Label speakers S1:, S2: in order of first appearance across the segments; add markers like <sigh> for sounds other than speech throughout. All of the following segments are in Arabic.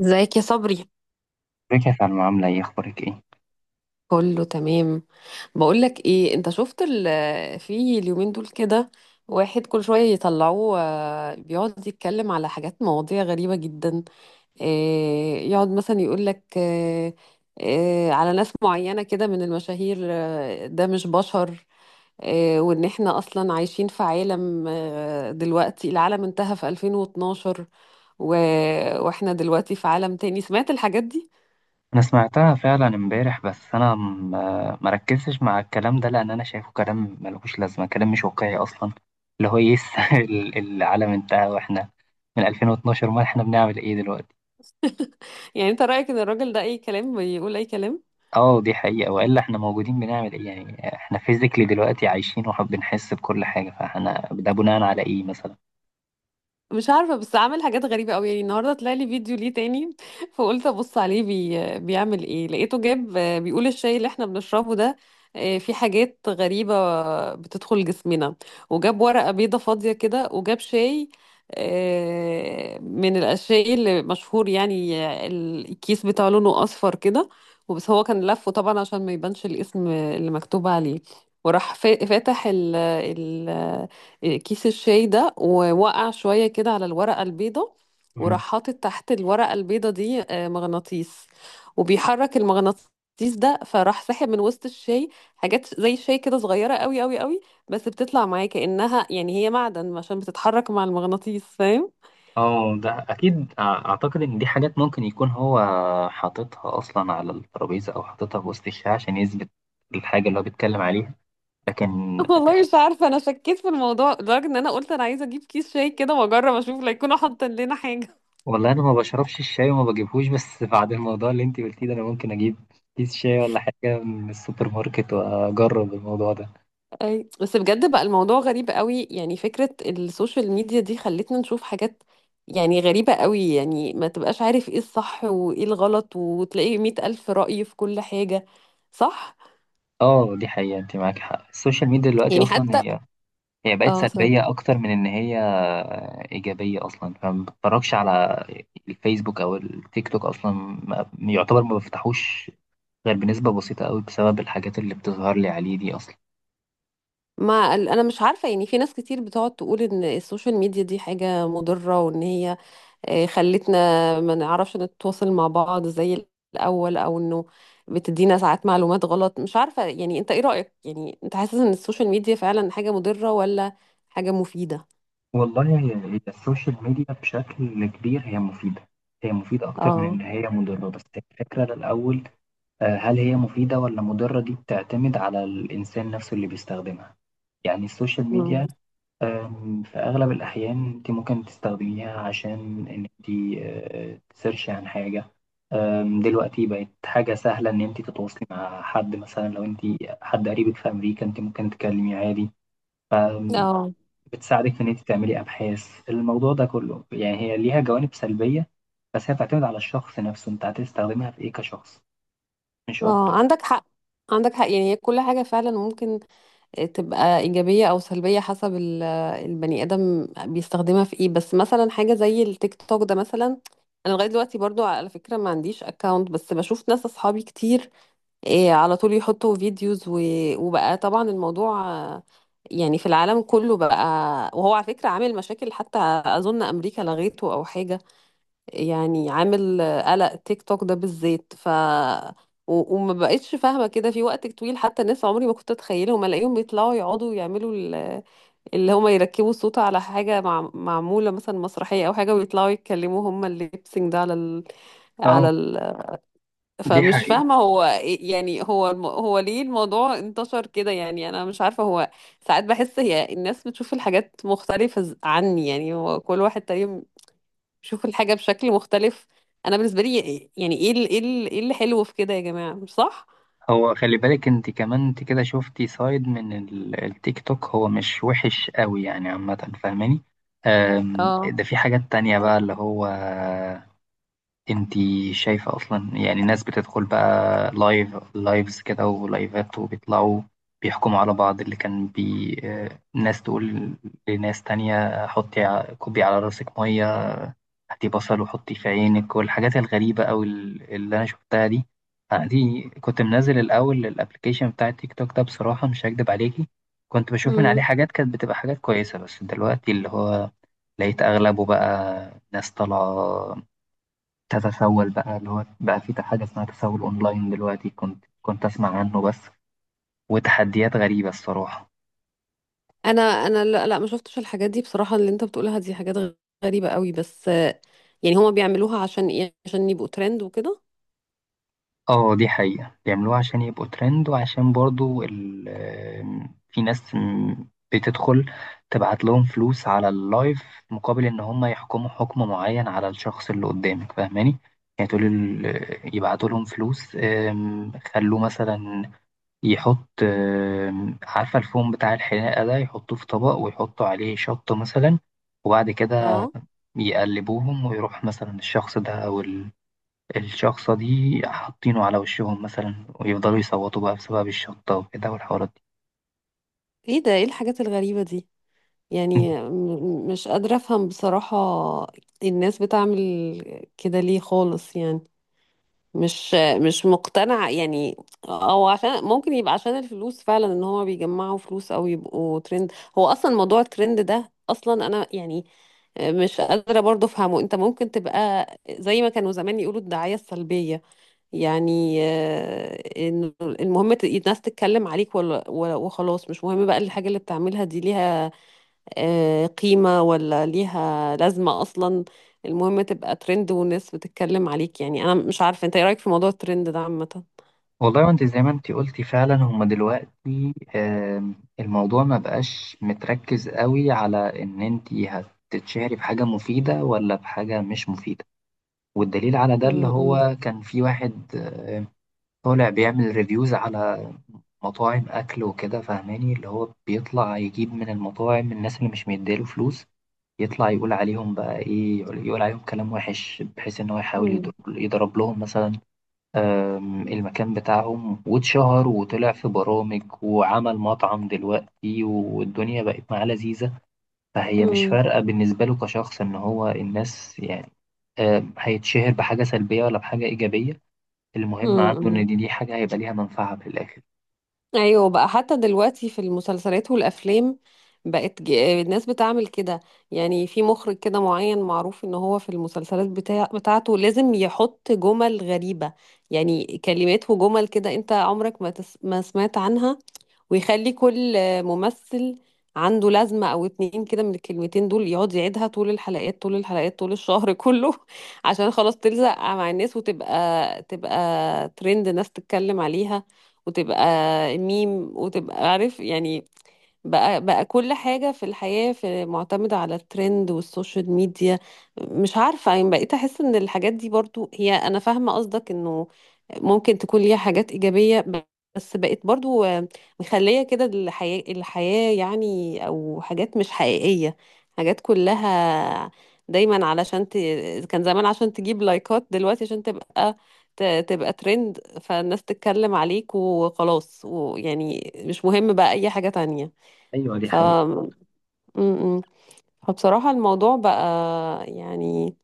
S1: ازيك يا صبري؟
S2: ازيك يا سلمى، عاملة ايه؟ اخبارك ايه؟
S1: كله تمام. بقول لك ايه، انت شفت في اليومين دول كده، واحد كل شويه يطلعوه، بيقعد يتكلم على حاجات مواضيع غريبه جدا. يقعد مثلا يقول لك على ناس معينه كده من المشاهير، ده مش بشر. وان احنا اصلا عايشين في عالم، دلوقتي العالم انتهى في 2012 و... واحنا دلوقتي في عالم تاني. سمعت الحاجات دي؟
S2: انا سمعتها فعلا امبارح، بس ما ركزتش مع الكلام ده، لان انا شايفه كلام ملوش لازمة، كلام مش واقعي اصلا. اللي هو ايه <laughs> العالم انتهى واحنا من 2012؟ ما احنا بنعمل ايه دلوقتي؟
S1: يعني انت رأيك ان الراجل ده اي كلام بيقول اي كلام؟
S2: اه دي حقيقة، والا احنا موجودين بنعمل ايه؟ يعني احنا فيزيكلي دلوقتي عايشين وبنحس بكل حاجة، فاحنا ده بناء على ايه مثلا؟
S1: مش عارفة، بس عامل حاجات غريبة قوي. يعني النهاردة طلع لي فيديو ليه تاني <laughs> فقلت ابص عليه بيعمل ايه، لقيته جاب، بيقول الشاي اللي احنا بنشربه ده، فيه حاجات غريبة بتدخل جسمنا، وجاب ورقة بيضة فاضية كده وجاب شاي، من الشاي اللي مشهور، يعني الكيس بتاعه لونه اصفر كده. وبس هو كان لفه طبعا عشان ما يبانش الاسم اللي مكتوب عليه، وراح فاتح ال كيس الشاي ده، ووقع شوية كده على الورقة البيضة، وراح حاطط تحت الورقة البيضة دي، مغناطيس. وبيحرك المغناطيس ده، فراح ساحب من وسط الشاي حاجات زي الشاي كده صغيرة قوي قوي قوي، بس بتطلع معاه كأنها يعني هي معدن عشان بتتحرك مع المغناطيس، فاهم؟
S2: اه ده اكيد. اعتقد ان دي حاجات ممكن يكون هو حاططها اصلا على الترابيزه، او حاططها في وسط الشاي عشان يثبت الحاجه اللي هو بيتكلم عليها. لكن،
S1: <laughs> والله مش عارفة، أنا شكيت في الموضوع لدرجة إن أنا قلت أنا عايزة أجيب كيس شاي كده وأجرب أشوف، لا يكونوا حاطين لنا حاجة.
S2: والله انا ما بشربش الشاي وما بجيبهوش، بس <laughs> بعد الموضوع اللي انت قلتيه ده، انا ممكن اجيب كيس شاي ولا حاجه من السوبر ماركت واجرب الموضوع ده.
S1: أي، بس بجد بقى الموضوع غريب قوي. يعني فكرة السوشيال ميديا دي خلتنا نشوف حاجات يعني غريبة قوي. يعني ما تبقاش عارف ايه الصح وايه الغلط، وتلاقي مئة ألف رأي في كل حاجة، صح؟
S2: اه دي حقيقه، انت معاك حق. السوشيال ميديا دلوقتي
S1: يعني
S2: اصلا
S1: حتى،
S2: هي بقت
S1: اه، صح.
S2: سلبيه اكتر من ان هي ايجابيه اصلا، فما بتفرجش على الفيسبوك او التيك توك اصلا. يعتبر ما بفتحوش ده بنسبة بسيطة قوي، بسبب الحاجات اللي بتظهر لي عليه دي أصلا.
S1: ما انا مش عارفة، يعني في ناس كتير بتقعد تقول ان السوشيال ميديا دي حاجة مضرة، وان هي خلتنا ما نعرفش نتواصل مع بعض زي الأول، أو إنه بتدينا ساعات معلومات غلط. مش عارفة يعني، أنت إيه رأيك؟ يعني أنت حاسس إن السوشيال ميديا فعلا حاجة مضرة ولا حاجة مفيدة؟
S2: والله هي السوشيال ميديا بشكل كبير هي مفيدة. هي مفيدة أكتر من إن
S1: اه.
S2: هي مضرة. بس الفكرة الأول، هل هي مفيدة ولا مضرة؟ دي بتعتمد على الإنسان نفسه اللي بيستخدمها. يعني السوشيال
S1: مم.
S2: ميديا، في أغلب الأحيان أنت ممكن تستخدميها عشان إن أنت تسيرشي عن حاجة. دلوقتي بقت حاجة سهلة إن أنت تتواصلي مع حد، مثلا لو أنت حد قريبك في أمريكا أنت ممكن تكلميه عادي. أم،
S1: اه،
S2: بتساعدك في إن أنت تعملي أبحاث. الموضوع ده كله يعني هي ليها جوانب سلبية، بس هي بتعتمد على الشخص نفسه. أنت هتستخدمها في إيه كشخص، مش
S1: اه،
S2: أكتر.
S1: عندك حق. عندك حق، يعني هي كل حاجة فعلا ممكن تبقى إيجابية أو سلبية حسب البني آدم بيستخدمها في إيه. بس مثلا حاجة زي التيك توك ده مثلا، أنا لغاية دلوقتي برضو على فكرة ما عنديش أكاونت، بس بشوف ناس أصحابي كتير، إيه، على طول يحطوا فيديوز، وبقى طبعا الموضوع، يعني في العالم كله بقى. وهو على فكرة عامل مشاكل حتى، أظن أمريكا لغيته أو حاجة. يعني عامل، قلق، تيك توك ده بالذات. وما بقتش فاهمة كده في وقت طويل. حتى ناس عمري ما كنت أتخيلهم ألاقيهم بيطلعوا يقعدوا يعملوا اللي هما يركبوا الصوت على حاجة معمولة مثلا مسرحية أو حاجة، ويطلعوا يتكلموا هما الليبسينج ده على
S2: اه
S1: ال...
S2: دي
S1: فمش
S2: حقيقة.
S1: فاهمة هو يعني هو هو ليه الموضوع انتشر كده. يعني أنا مش عارفة هو، ساعات بحس هي الناس بتشوف الحاجات مختلفة عني. يعني هو كل واحد تقريبا بيشوف الحاجة بشكل مختلف. أنا بالنسبة لي، يعني إيه اللي حلو في كده يا جماعة، مش صح؟
S2: هو خلي بالك، انت كمان انت كده شفتي سايد من التيك توك. هو مش وحش قوي يعني، عامة فاهماني؟
S1: اه.
S2: ده في حاجات تانية بقى، اللي هو انت شايفة اصلا يعني ناس بتدخل بقى لايف لايفز كده ولايفات، وبيطلعوا بيحكموا على بعض. اللي كان بي آه، ناس تقول لناس تانية حطي كوبي على راسك مية، هاتي بصل وحطي في عينك، والحاجات الغريبة أو اللي أنا شفتها دي. أنا دي كنت منزل الأول الأبلكيشن بتاع التيك توك ده، بصراحة مش هكدب عليكي، كنت بشوف من عليه
S1: امم.
S2: حاجات كانت بتبقى حاجات كويسة. بس دلوقتي اللي هو لقيت أغلبه بقى ناس طالعة تتسول، بقى اللي هو بقى في حاجة اسمها تسول أونلاين دلوقتي، كنت أسمع عنه بس، وتحديات غريبة الصراحة.
S1: انا لا، لا، ما شفتش الحاجات دي بصراحة. اللي انت بتقولها دي حاجات غريبة قوي. بس يعني هما بيعملوها عشان ايه؟ عشان يبقوا ترند وكده.
S2: اه دي حقيقة، بيعملوها عشان يبقوا ترند، وعشان برضو ال آم، في ناس بتدخل تبعت لهم فلوس على اللايف، مقابل ان هم يحكموا حكم معين على الشخص اللي قدامك، فاهماني؟ يعني تقول يبعتوا لهم فلوس، خلوه مثلا يحط، عارفة الفوم بتاع الحلاقة ده، يحطوه في طبق ويحطوا عليه شطة مثلا، وبعد كده
S1: اه.
S2: يقلبوهم، ويروح مثلا الشخص ده، الشخصة دي حاطينه على وشهم مثلا، ويفضلوا يصوتوا بقى بسبب الشطة وكده والحوارات دي.
S1: ايه ده، ايه الحاجات الغريبة دي، يعني مش قادرة أفهم بصراحة. الناس بتعمل كده ليه خالص؟ يعني مش مش مقتنعة يعني، أو عشان ممكن يبقى عشان الفلوس فعلا، إن هما بيجمعوا فلوس أو يبقوا ترند. هو أصلا موضوع الترند ده أصلا، أنا يعني مش قادرة برضه أفهمه. أنت ممكن تبقى زي ما كانوا زمان يقولوا الدعاية السلبية، يعني إنه المهم الناس تتكلم عليك، ولا وخلاص. مش مهم بقى الحاجة اللي بتعملها دي ليها قيمة ولا ليها لازمة أصلا. المهم تبقى ترند والناس بتتكلم عليك. يعني أنا مش عارفة، أنت إيه رأيك في موضوع الترند ده عامة؟
S2: والله، وانت زي ما انت قلتي فعلا، هما دلوقتي الموضوع ما بقاش متركز قوي على ان انت هتتشهري بحاجة مفيدة ولا بحاجة مش مفيدة. والدليل على ده، اللي
S1: م-،
S2: هو كان في واحد طالع بيعمل ريفيوز على مطاعم أكل وكده، فاهماني؟ اللي هو بيطلع يجيب من المطاعم الناس اللي مش مديله فلوس، يطلع يقول عليهم بقى إيه، يقول عليهم كلام وحش، بحيث إن هو يحاول
S1: م-،
S2: يضرب لهم مثلا المكان بتاعهم. واتشهر وطلع في برامج وعمل مطعم دلوقتي، والدنيا بقت معاه لذيذة. فهي مش
S1: م-،
S2: فارقة بالنسبة له كشخص، إن هو الناس يعني هيتشهر بحاجة سلبية ولا بحاجة إيجابية.
S1: م-،
S2: المهم عنده
S1: م-.
S2: إن دي حاجة هيبقى ليها منفعة في الآخر.
S1: أيوة بقى، حتى دلوقتي في المسلسلات والأفلام بقت الناس بتعمل كده. يعني في مخرج كده معين معروف إن هو في المسلسلات بتاعته لازم يحط جمل غريبة، يعني كلمات وجمل كده أنت عمرك ما ما سمعت عنها. ويخلي كل ممثل عنده لازمة أو اتنين كده من الكلمتين دول يقعد يعيدها طول الحلقات طول الحلقات طول الشهر <laughs> كله، عشان خلاص تلزق مع الناس وتبقى ترند، ناس تتكلم عليها، وتبقى ميم، وتبقى عارف يعني. بقى كل حاجة في الحياة في معتمدة على الترند والسوشيال ميديا. مش عارفة يعني بقيت أحس إن الحاجات دي برضو، هي أنا فاهمة قصدك إنه ممكن تكون ليها حاجات إيجابية، بس بقيت برضو مخلية كده الحياة، الحياة يعني، أو حاجات مش حقيقية. حاجات كلها دايما علشان كان زمان عشان تجيب لايكات، دلوقتي عشان تبقى، تبقى ترند فالناس تتكلم عليك وخلاص، ويعني مش مهم بقى أي حاجة تانية.
S2: أيوة دي
S1: ف
S2: حقيقة.
S1: م- م. فبصراحة الموضوع بقى يعني،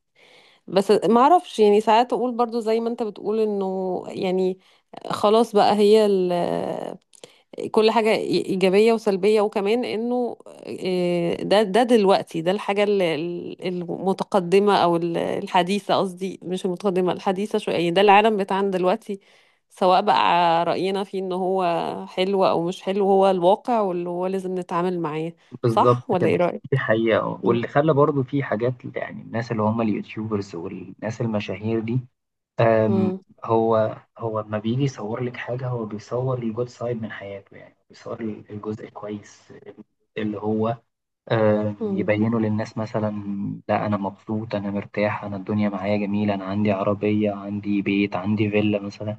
S1: بس ما اعرفش يعني، ساعات اقول برضو زي ما انت بتقول انه يعني خلاص بقى، هي كل حاجة إيجابية وسلبية، وكمان إنه ده دلوقتي ده الحاجة، المتقدمة، أو الحديثة، قصدي مش المتقدمة، الحديثة شوية. يعني ده العالم بتاعنا دلوقتي، سواء بقى رأينا فيه إن هو حلو أو مش حلو، هو الواقع واللي هو لازم نتعامل معاه.
S2: بالظبط
S1: صح ولا إيه
S2: كده.
S1: رأيك؟
S2: دي حقيقة،
S1: مم.
S2: واللي خلى برضو في حاجات يعني الناس اللي هم اليوتيوبرز والناس المشاهير دي، أم،
S1: مم.
S2: هو لما بيجي يصور لك حاجة، هو بيصور الجود سايد من حياته، يعني بيصور الجزء الكويس اللي هو
S1: مم.
S2: يبينه للناس. مثلا: لا أنا مبسوط، أنا مرتاح، أنا الدنيا معايا جميلة، أنا عندي عربية، عندي بيت، عندي فيلا مثلا.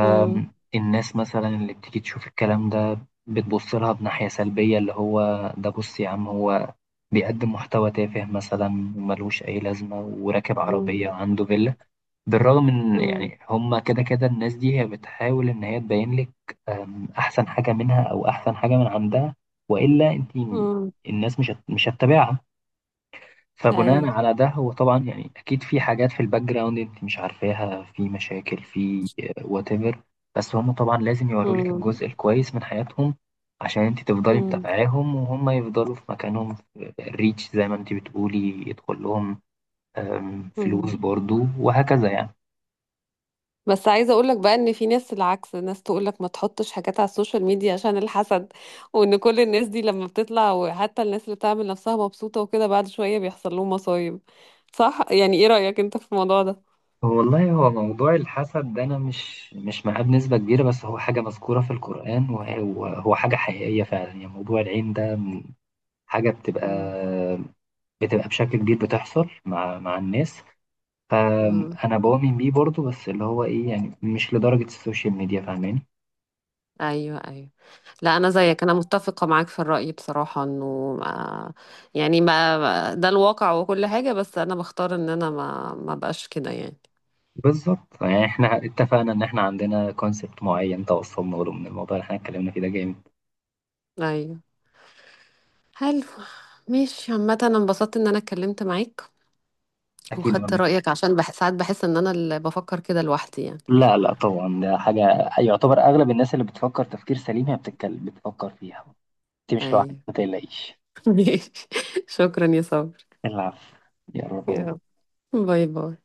S1: مم.
S2: مثلا اللي بتيجي تشوف الكلام ده بتبص لها بناحية سلبية، اللي هو ده، بص يا عم، هو بيقدم محتوى تافه مثلا ملوش أي لازمة وراكب
S1: مم.
S2: عربية وعنده فيلا، بالرغم إن
S1: مم.
S2: يعني هما كده كده الناس دي هي بتحاول إن هي تبين لك أحسن حاجة منها أو أحسن حاجة من عندها، وإلا أنت
S1: مم.
S2: الناس مش هتتابعها. فبناء
S1: أيوه.
S2: على ده، هو طبعا يعني اكيد في حاجات في الباك جراوند انت مش عارفاها، في مشاكل في وات ايفر، بس هم طبعا لازم يوروا لك
S1: مم.
S2: الجزء الكويس من حياتهم، عشان انت تفضلي
S1: مم.
S2: متابعاهم، وهم يفضلوا في مكانهم في الريتش زي ما انت بتقولي، يدخل لهم فلوس
S1: مم.
S2: برضو، وهكذا يعني.
S1: بس عايزه اقول لك بقى ان في ناس العكس، ناس تقول لك ما تحطش حاجات على السوشيال ميديا عشان الحسد، وان كل الناس دي لما بتطلع، وحتى الناس اللي بتعمل نفسها مبسوطه وكده، بعد شويه بيحصل لهم مصايب. صح؟ يعني ايه رايك انت في الموضوع ده؟
S2: والله، هو موضوع الحسد ده انا مش معاه بنسبة كبيرة، بس هو حاجة مذكورة في القرآن، وهو حاجة حقيقية فعلا يعني. موضوع العين ده حاجة بتبقى
S1: مم.
S2: بتبقى بشكل كبير بتحصل مع الناس.
S1: مم.
S2: فانا بؤمن بيه برضو، بس اللي هو ايه يعني، مش لدرجة السوشيال ميديا، فاهماني؟
S1: ايوه، ايوه. لا، انا زيك، انا متفقه معاك في الراي بصراحه، انه ما، يعني ما ده الواقع وكل حاجه. بس انا بختار ان انا ما بقاش كده يعني.
S2: بالظبط. يعني احنا اتفقنا ان احنا عندنا كونسبت معين توصلنا له من الموضوع اللي احنا اتكلمنا فيه ده، جامد.
S1: ايوه. حلو، ماشي، عامه انا انبسطت ان انا اتكلمت معاك
S2: اكيد،
S1: وخدت
S2: ولا
S1: رأيك، عشان ساعات بحس ان انا اللي بفكر كده لوحدي يعني.
S2: لا لا طبعا، ده حاجة يعتبر اغلب الناس اللي بتفكر تفكير سليم هي بتتكلم بتفكر فيها. انت مش لوحدك،
S1: ايوه
S2: ما تقلقيش.
S1: <laughs> ماشي. شكرا يا صبر.
S2: العفو. يا رب.
S1: يلا، باي باي.